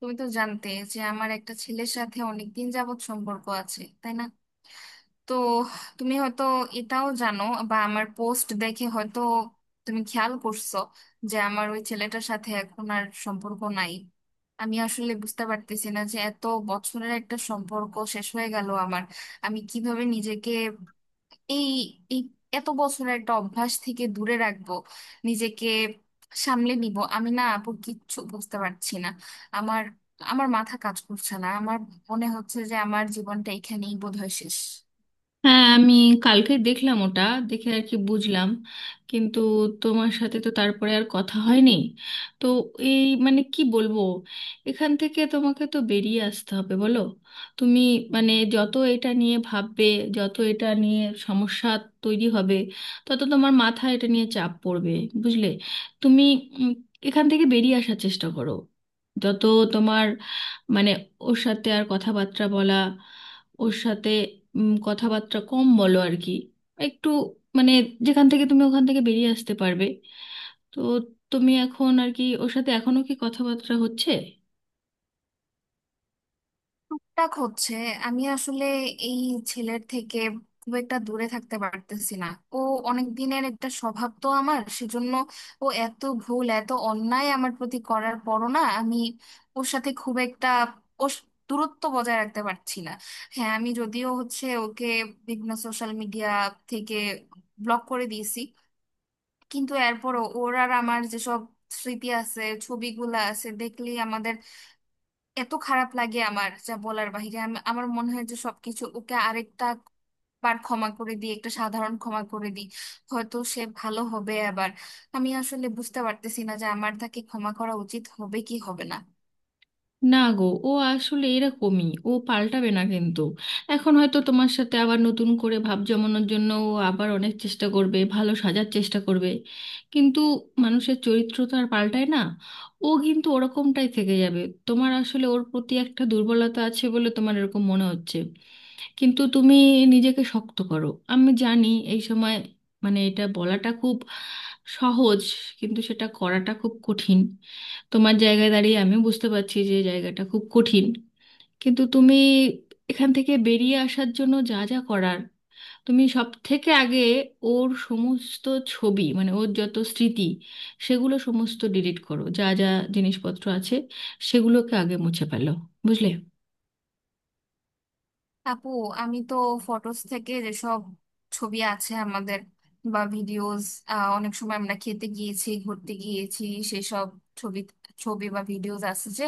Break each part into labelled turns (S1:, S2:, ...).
S1: তুমি তো জানতে যে আমার একটা ছেলের সাথে অনেকদিন যাবৎ সম্পর্ক আছে, তাই না? তো তুমি হয়তো এটাও জানো, বা আমার পোস্ট দেখে হয়তো তুমি খেয়াল করছো যে আমার ওই ছেলেটার সাথে এখন আর সম্পর্ক নাই। আমি আসলে বুঝতে পারতেছি না যে এত বছরের একটা সম্পর্ক শেষ হয়ে গেল আমার। আমি কিভাবে নিজেকে এই এই এত বছরের একটা অভ্যাস থেকে দূরে রাখবো, নিজেকে সামলে নিব? আমি না আপু কিচ্ছু বুঝতে পারছি না। আমার আমার মাথা কাজ করছে না, আমার মনে হচ্ছে যে আমার জীবনটা এখানেই বোধহয় শেষ।
S2: হ্যাঁ, আমি কালকে দেখলাম ওটা, দেখে আর কি বুঝলাম। কিন্তু তোমার সাথে তো তারপরে আর কথা হয়নি। তো এই মানে কি বলবো, এখান থেকে তোমাকে তো বেরিয়ে আসতে হবে বলো। তুমি মানে যত এটা নিয়ে ভাববে, যত এটা নিয়ে সমস্যা তৈরি হবে, তত তোমার মাথায় এটা নিয়ে চাপ পড়বে, বুঝলে। তুমি উম, এখান থেকে বেরিয়ে আসার চেষ্টা করো। যত তোমার মানে ওর সাথে আর কথাবার্তা বলা, ওর সাথে কথাবার্তা কম বলো আর কি। একটু মানে যেখান থেকে তুমি ওখান থেকে বেরিয়ে আসতে পারবে। তো তুমি এখন আর কি ওর সাথে এখনো কি কথাবার্তা হচ্ছে?
S1: টাক হচ্ছে। আমি আসলে এই ছেলের থেকে খুব একটা দূরে থাকতে পারতেছি না, ও অনেক দিনের একটা স্বভাব তো আমার, সেজন্য ও এত ভুল এত অন্যায় আমার প্রতি করার পরও না, আমি ওর সাথে খুব একটা ওর স- দূরত্ব বজায় রাখতে পারছি না। হ্যাঁ, আমি যদিও হচ্ছে ওকে বিভিন্ন সোশ্যাল মিডিয়া থেকে ব্লক করে দিয়েছি, কিন্তু এরপরও ওর আর আমার যেসব স্মৃতি আছে, ছবিগুলা আছে, দেখলেই আমাদের এত খারাপ লাগে আমার, যা বলার বাহিরে। আমি, আমার মনে হয় যে সবকিছু ওকে আরেকটা বার ক্ষমা করে দিই, একটা সাধারণ ক্ষমা করে দিই, হয়তো সে ভালো হবে আবার। আমি আসলে বুঝতে পারতেছি না যে আমার তাকে ক্ষমা করা উচিত হবে কি হবে না।
S2: না গো, ও আসলে এরকমই, ও পাল্টাবে না। কিন্তু এখন হয়তো তোমার সাথে আবার নতুন করে ভাব জমানোর জন্য ও আবার অনেক চেষ্টা করবে, ভালো সাজার চেষ্টা করবে। কিন্তু মানুষের চরিত্র তো আর পাল্টায় না, ও কিন্তু ওরকমটাই থেকে যাবে। তোমার আসলে ওর প্রতি একটা দুর্বলতা আছে বলে তোমার এরকম মনে হচ্ছে। কিন্তু তুমি নিজেকে শক্ত করো। আমি জানি এই সময় মানে এটা বলাটা খুব সহজ, কিন্তু সেটা করাটা খুব কঠিন। তোমার জায়গায় দাঁড়িয়ে আমি বুঝতে পারছি যে জায়গাটা খুব কঠিন। কিন্তু তুমি এখান থেকে বেরিয়ে আসার জন্য যা যা করার, তুমি সব থেকে আগে ওর সমস্ত ছবি মানে ওর যত স্মৃতি, সেগুলো সমস্ত ডিলিট করো। যা যা জিনিসপত্র আছে, সেগুলোকে আগে মুছে ফেলো, বুঝলে।
S1: আপু, আমি তো ফটোস থেকে যেসব ছবি আছে আমাদের, বা ভিডিওস, অনেক সময় আমরা খেতে গিয়েছি ঘুরতে গিয়েছি, সেসব ছবি ছবি বা ভিডিওস আছে যে,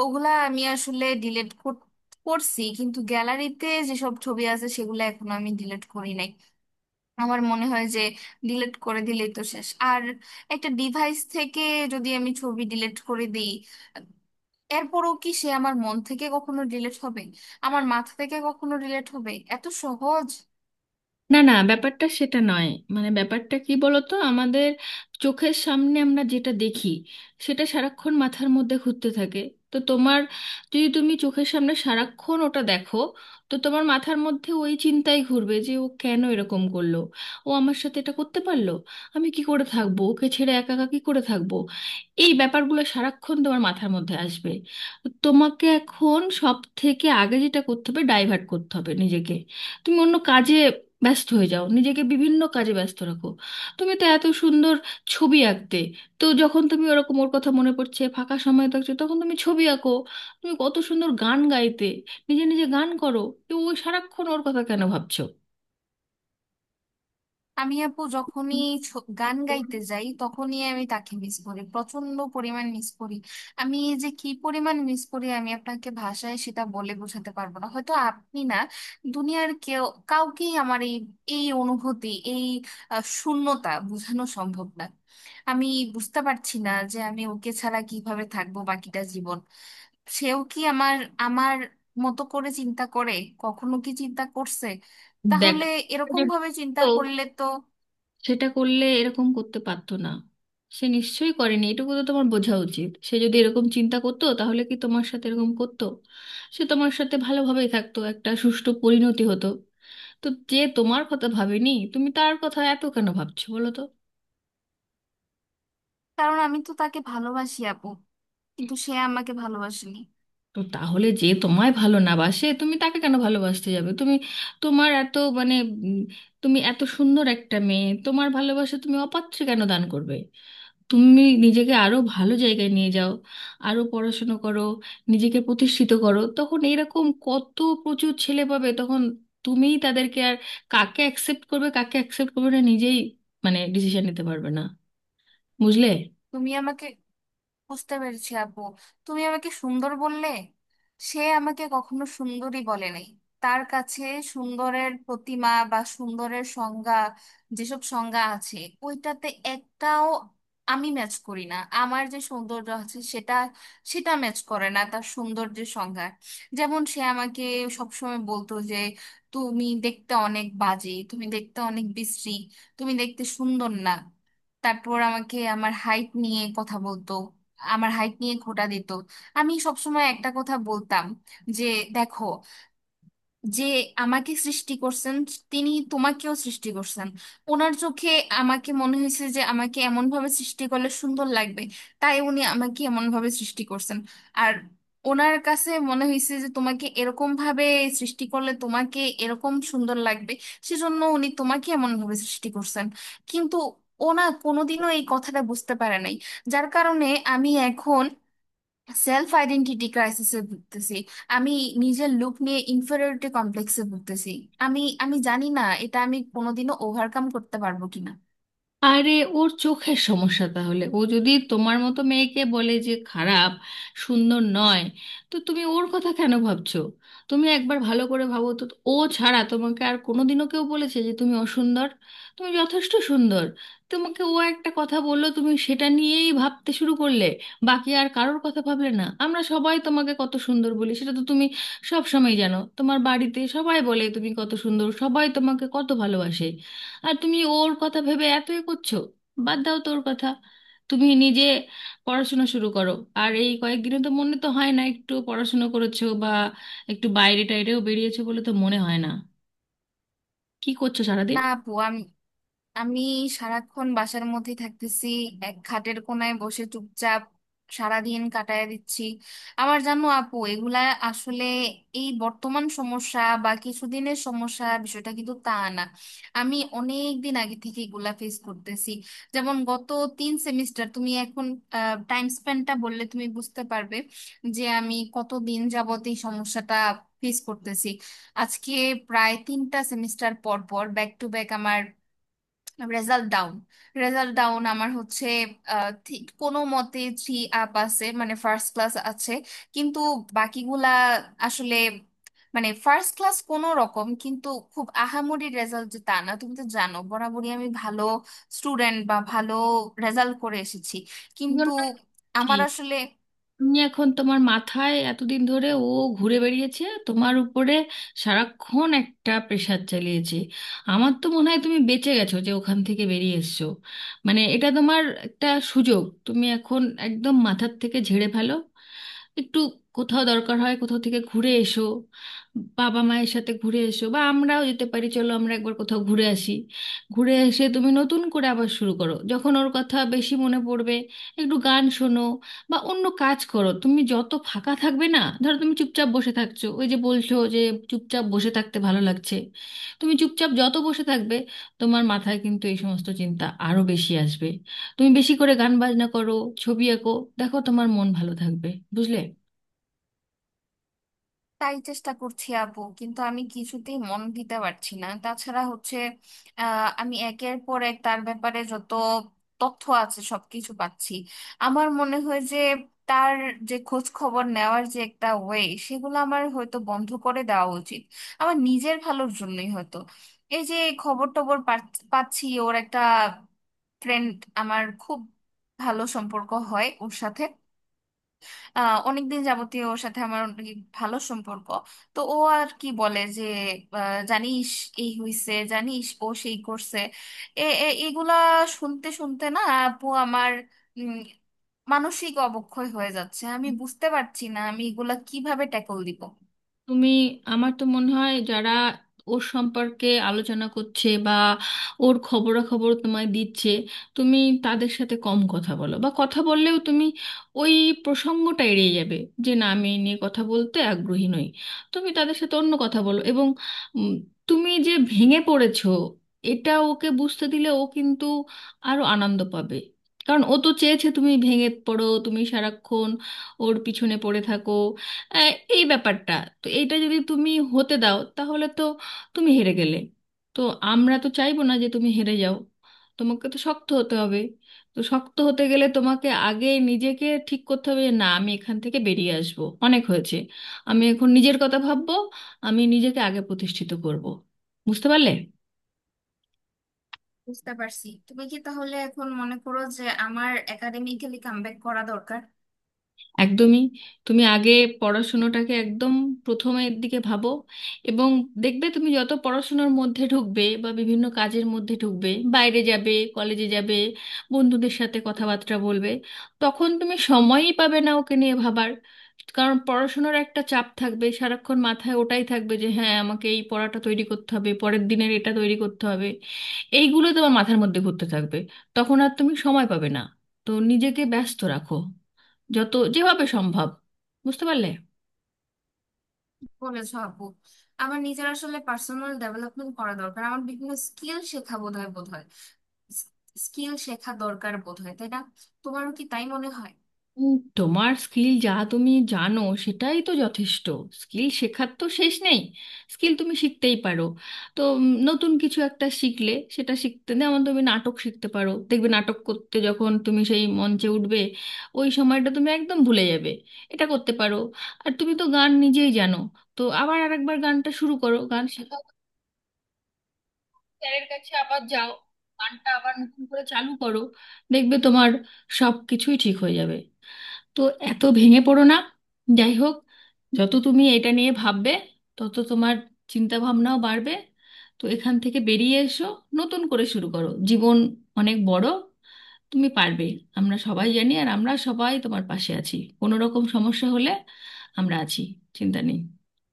S1: ওগুলা আমি আসলে ডিলিট করছি, কিন্তু গ্যালারিতে যেসব ছবি আছে সেগুলো এখনো আমি ডিলিট করি নাই। আমার মনে হয় যে ডিলিট করে দিলেই তো শেষ? আর একটা ডিভাইস থেকে যদি আমি ছবি ডিলিট করে দিই, এরপরও কি সে আমার মন থেকে কখনো ডিলেট হবে? আমার মাথা থেকে কখনো ডিলেট হবে এত সহজ?
S2: না না, ব্যাপারটা সেটা নয়। মানে ব্যাপারটা কি বলতো, আমাদের চোখের সামনে আমরা যেটা দেখি, সেটা সারাক্ষণ মাথার মধ্যে ঘুরতে থাকে। তো তোমার যদি তুমি চোখের সামনে সারাক্ষণ ওটা দেখো, তো তোমার মাথার মধ্যে ওই চিন্তাই ঘুরবে যে ও কেন এরকম করলো, ও আমার সাথে এটা করতে পারলো, আমি কি করে থাকবো ওকে ছেড়ে, একা একা কি করে থাকবো। এই ব্যাপারগুলো সারাক্ষণ তোমার মাথার মধ্যে আসবে। তো তোমাকে এখন সব থেকে আগে যেটা করতে হবে, ডাইভার্ট করতে হবে নিজেকে। তুমি অন্য কাজে ব্যস্ত হয়ে যাও, নিজেকে বিভিন্ন কাজে ব্যস্ত রাখো। তুমি তো এত সুন্দর ছবি আঁকতে, তো যখন তুমি ওরকম ওর কথা মনে পড়ছে, ফাঁকা সময় থাকছো, তখন তুমি ছবি আঁকো। তুমি কত সুন্দর গান গাইতে, নিজে নিজে গান করো। তো ওই সারাক্ষণ ওর কথা কেন ভাবছো?
S1: আমি আপু যখনই গান গাইতে যাই, তখনই আমি তাকে মিস করি, প্রচন্ড পরিমাণ মিস করি। আমি যে কি পরিমাণ মিস করি, আমি আপনাকে ভাষায় সেটা বলে বোঝাতে পারবো না, হয়তো আপনি না, দুনিয়ার কেউ, কাউকেই আমার এই এই অনুভূতি, এই শূন্যতা বোঝানো সম্ভব না। আমি বুঝতে পারছি না যে আমি ওকে ছাড়া কিভাবে থাকবো বাকিটা জীবন। সেও কি আমার আমার মতো করে চিন্তা করে? কখনো কি চিন্তা করছে? তাহলে
S2: দেখো,
S1: এরকম ভাবে চিন্তা
S2: তো
S1: করলে তো,
S2: সেটা করলে এরকম করতে পারতো না। সে নিশ্চয়ই করেনি, এটুকু তো তোমার বোঝা উচিত। সে যদি এরকম চিন্তা করতো তাহলে কি তোমার সাথে এরকম করতো? সে তোমার সাথে ভালোভাবেই থাকতো, একটা সুষ্ঠু পরিণতি হতো। তো যে তোমার কথা ভাবেনি, তুমি তার কথা এত কেন ভাবছো বলো তো?
S1: কারণ আমি তো তাকে ভালোবাসি আপু, কিন্তু সে আমাকে ভালোবাসেনি।
S2: তো তাহলে যে তোমায় ভালো না বাসে, তুমি তাকে কেন ভালোবাসতে যাবে? তুমি তোমার এত মানে উম, তুমি এত সুন্দর একটা মেয়ে, তোমার ভালোবাসা তুমি অপাত্রে কেন দান করবে? তুমি নিজেকে আরো ভালো জায়গায় নিয়ে যাও, আরো পড়াশুনো করো, নিজেকে প্রতিষ্ঠিত করো। তখন এরকম কত প্রচুর ছেলে পাবে, তখন তুমিই তাদেরকে আর কাকে অ্যাকসেপ্ট করবে কাকে অ্যাকসেপ্ট করবে না নিজেই মানে ডিসিশন নিতে পারবে না, বুঝলে।
S1: তুমি আমাকে, বুঝতে পেরেছি আপু, তুমি আমাকে সুন্দর বললে, সে আমাকে কখনো সুন্দরী বলে নাই। তার কাছে সুন্দরের প্রতিমা বা সুন্দরের সংজ্ঞা, যেসব সংজ্ঞা আছে, ওইটাতে একটাও আমি ম্যাচ করি না। আমার যে সৌন্দর্য আছে সেটা সেটা ম্যাচ করে না তার সৌন্দর্যের সংজ্ঞা। যেমন সে আমাকে সবসময় বলতো যে তুমি দেখতে অনেক বাজে, তুমি দেখতে অনেক বিশ্রী, তুমি দেখতে সুন্দর না। তারপর আমাকে আমার হাইট নিয়ে কথা বলতো, আমার হাইট নিয়ে খোঁটা দিত। আমি সবসময় একটা কথা বলতাম যে দেখো, যে আমাকে সৃষ্টি করছেন তিনি তোমাকেও সৃষ্টি করছেন, ওনার চোখে আমাকে মনে হয়েছে যে আমাকে এমন ভাবে সৃষ্টি করলে সুন্দর লাগবে, তাই উনি আমাকে এমন ভাবে সৃষ্টি করছেন, আর ওনার কাছে মনে হয়েছে যে তোমাকে এরকম ভাবে সৃষ্টি করলে তোমাকে এরকম সুন্দর লাগবে, সেজন্য উনি তোমাকে এমন ভাবে সৃষ্টি করছেন। কিন্তু ওনা কোনোদিনও এই কথাটা বুঝতে পারে নাই, যার কারণে আমি এখন সেলফ আইডেন্টিটি ক্রাইসিসে ভুগতেছি, আমি নিজের লুক নিয়ে ইনফেরিয়রিটি কমপ্লেক্সে ভুগতেছি। আমি আমি জানি না এটা আমি কোনোদিনও ওভারকাম করতে পারবো কিনা।
S2: আরে ওর চোখের সমস্যা, তাহলে ও যদি তোমার মতো মেয়েকে বলে যে খারাপ, সুন্দর নয়, তো তুমি ওর কথা কেন ভাবছো? তুমি একবার ভালো করে ভাবো তো, ও ছাড়া তোমাকে আর কোনোদিনও কেউ বলেছে যে তুমি অসুন্দর? তুমি যথেষ্ট সুন্দর। তোমাকে ও একটা কথা বললো, তুমি সেটা নিয়েই ভাবতে শুরু করলে, বাকি আর কারোর কথা ভাবলে না। আমরা সবাই তোমাকে কত সুন্দর বলি, সেটা তো তুমি সব সময় জানো। তোমার বাড়িতে সবাই বলে তুমি কত সুন্দর, সবাই তোমাকে কত ভালোবাসে। আর তুমি ওর কথা ভেবে এতই করছো। বাদ দাও তোর কথা। তুমি নিজে পড়াশোনা শুরু করো। আর এই কয়েকদিনে তো মনে তো হয় না একটু পড়াশোনা করেছো, বা একটু বাইরে টাইরেও বেরিয়েছো বলে তো মনে হয় না। কি করছো সারাদিন?
S1: না আপু, আমি, আমি সারাক্ষণ বাসার মধ্যে থাকতেছি, এক খাটের কোনায় বসে চুপচাপ সারাদিন কাটায় দিচ্ছি। আবার জানো আপু, এগুলা আসলে এই বর্তমান সমস্যা বা কিছুদিনের সমস্যা বিষয়টা কিন্তু তা না, আমি অনেক দিন আগে থেকে এগুলা ফেস করতেছি। যেমন গত 3 সেমিস্টার, তুমি এখন টাইম স্পেন্ডটা বললে তুমি বুঝতে পারবে যে আমি কত দিন যাবত এই সমস্যাটা ফেস করতেছি। আজকে প্রায় 3টা সেমিস্টার পর পর, back to back result down, result down আমার হচ্ছে। ঠিক কোনো মতে 3 আপ আছে, মানে ফার্স্ট ক্লাস আছে, কিন্তু বাকিগুলা আসলে মানে ফার্স্ট ক্লাস কোনো রকম, কিন্তু খুব আহামরি রেজাল্ট যে তা না। তুমি তো জানো বরাবরই আমি ভালো স্টুডেন্ট বা ভালো রেজাল্ট করে এসেছি, কিন্তু
S2: জন্যই বলছি,
S1: আমার আসলে…
S2: তুমি এখন তোমার মাথায় এতদিন ধরে ও ঘুরে বেরিয়েছে, তোমার উপরে সারাক্ষণ একটা প্রেশার চালিয়েছে। আমার তো মনে হয় তুমি বেঁচে গেছো যে ওখান থেকে বেরিয়ে এসছো। মানে এটা তোমার একটা সুযোগ, তুমি এখন একদম মাথার থেকে ঝেড়ে ফেলো। একটু কোথাও দরকার হয় কোথাও থেকে ঘুরে এসো, বাবা মায়ের সাথে ঘুরে এসো, বা আমরাও যেতে পারি, চলো আমরা একবার কোথাও ঘুরে আসি। ঘুরে এসে তুমি নতুন করে আবার শুরু করো। যখন ওর কথা বেশি মনে পড়বে, একটু গান শোনো বা অন্য কাজ করো। তুমি যত ফাঁকা থাকবে, না ধরো তুমি চুপচাপ বসে থাকছো, ওই যে বলছো যে চুপচাপ বসে থাকতে ভালো লাগছে, তুমি চুপচাপ যত বসে থাকবে, তোমার মাথায় কিন্তু এই সমস্ত চিন্তা আরো বেশি আসবে। তুমি বেশি করে গান বাজনা করো, ছবি আঁকো, দেখো তোমার মন ভালো থাকবে, বুঝলে।
S1: তাই চেষ্টা করছি আপু, কিন্তু আমি কিছুতেই মন দিতে পারছি না। তাছাড়া হচ্ছে আমি একের পর এক তার ব্যাপারে যত তথ্য আছে সবকিছু পাচ্ছি। আমার মনে হয় যে তার যে খোঁজ খবর নেওয়ার যে একটা ওয়ে, সেগুলো আমার হয়তো বন্ধ করে দেওয়া উচিত, আমার নিজের ভালোর জন্যই হয়তো। এই যে খবর টবর পাচ্ছি, ওর একটা ফ্রেন্ড আমার খুব ভালো সম্পর্ক হয় ওর সাথে, অনেকদিন যাবতীয় ওর সাথে আমার অনেক ভালো সম্পর্ক। তো ও আর কি বলে যে, জানিস এই হইছে, জানিস ও সেই করছে। এ এ- এগুলা শুনতে শুনতে না আপু, আমার উম, মানসিক অবক্ষয় হয়ে যাচ্ছে, আমি বুঝতে পারছি না আমি এগুলা কিভাবে ট্যাকল দিব।
S2: তুমি আমার তো মনে হয় যারা ওর সম্পর্কে আলোচনা করছে বা ওর খবরাখবর তোমায় দিচ্ছে, তুমি তাদের সাথে কম কথা বলো, বা কথা বললেও তুমি ওই প্রসঙ্গটা এড়িয়ে যাবে, যে না আমি এই নিয়ে কথা বলতে আগ্রহী নই। তুমি তাদের সাথে অন্য কথা বলো। এবং উম, তুমি যে ভেঙে পড়েছো এটা ওকে বুঝতে দিলে ও কিন্তু আরো আনন্দ পাবে। কারণ ও তো চেয়েছে তুমি ভেঙে পড়ো, তুমি সারাক্ষণ ওর পিছনে পড়ে থাকো। আহ, এই ব্যাপারটা, তো এইটা যদি তুমি হতে দাও তাহলে তো তুমি হেরে গেলে। তো আমরা তো চাইবো না যে তুমি হেরে যাও, তোমাকে তো শক্ত হতে হবে। তো শক্ত হতে গেলে তোমাকে আগে নিজেকে ঠিক করতে হবে যে না, আমি এখান থেকে বেরিয়ে আসবো, অনেক হয়েছে। আমি এখন নিজের কথা ভাববো, আমি নিজেকে আগে প্রতিষ্ঠিত করব। বুঝতে পারলে?
S1: বুঝতে পারছি, তুমি কি তাহলে এখন মনে করো যে আমার একাডেমিক্যালি কামব্যাক করা দরকার?
S2: একদমই। তুমি আগে পড়াশুনোটাকে একদম প্রথমের দিকে ভাবো। এবং দেখবে তুমি যত পড়াশুনোর মধ্যে ঢুকবে বা বিভিন্ন কাজের মধ্যে ঢুকবে, বাইরে যাবে, কলেজে যাবে, বন্ধুদের সাথে কথাবার্তা বলবে, তখন তুমি সময়ই পাবে না ওকে নিয়ে ভাবার। কারণ পড়াশোনার একটা চাপ থাকবে, সারাক্ষণ মাথায় ওটাই থাকবে যে হ্যাঁ, আমাকে এই পড়াটা তৈরি করতে হবে, পরের দিনের এটা তৈরি করতে হবে। এইগুলো তোমার মাথার মধ্যে ঘুরতে থাকবে, তখন আর তুমি সময় পাবে না। তো নিজেকে ব্যস্ত রাখো যত যেভাবে সম্ভব, বুঝতে পারলে।
S1: বলেছো আপু, আমার নিজের আসলে পার্সোনাল ডেভেলপমেন্ট করা দরকার, আমার বিভিন্ন স্কিল শেখা বোধ হয়। স্কিল শেখা দরকার বোধ হয়, তাই না? তোমারও কি তাই মনে হয়?
S2: তোমার স্কিল যা তুমি জানো, সেটাই তো যথেষ্ট। স্কিল শেখার তো শেষ নেই, স্কিল তুমি শিখতেই পারো। তো নতুন কিছু একটা শিখলে সেটা শিখতে, যেমন তুমি নাটক শিখতে পারো। দেখবে নাটক করতে যখন তুমি সেই মঞ্চে উঠবে, ওই সময়টা তুমি একদম ভুলে যাবে। এটা করতে পারো। আর তুমি তো গান নিজেই জানো, তো আবার আরেকবার গানটা শুরু করো, গান শেখা স্যারের কাছে আবার যাও, গানটা আবার নতুন করে চালু করো। দেখবে তোমার সব কিছুই ঠিক হয়ে যাবে। তো এত ভেঙে পড়ো না। যাই হোক, যত তুমি এটা নিয়ে ভাববে, তত তোমার চিন্তা ভাবনাও বাড়বে। তো এখান থেকে বেরিয়ে এসো, নতুন করে শুরু করো। জীবন অনেক বড়, তুমি পারবে, আমরা সবাই জানি। আর আমরা সবাই তোমার পাশে আছি, কোনো রকম সমস্যা হলে আমরা আছি, চিন্তা নেই।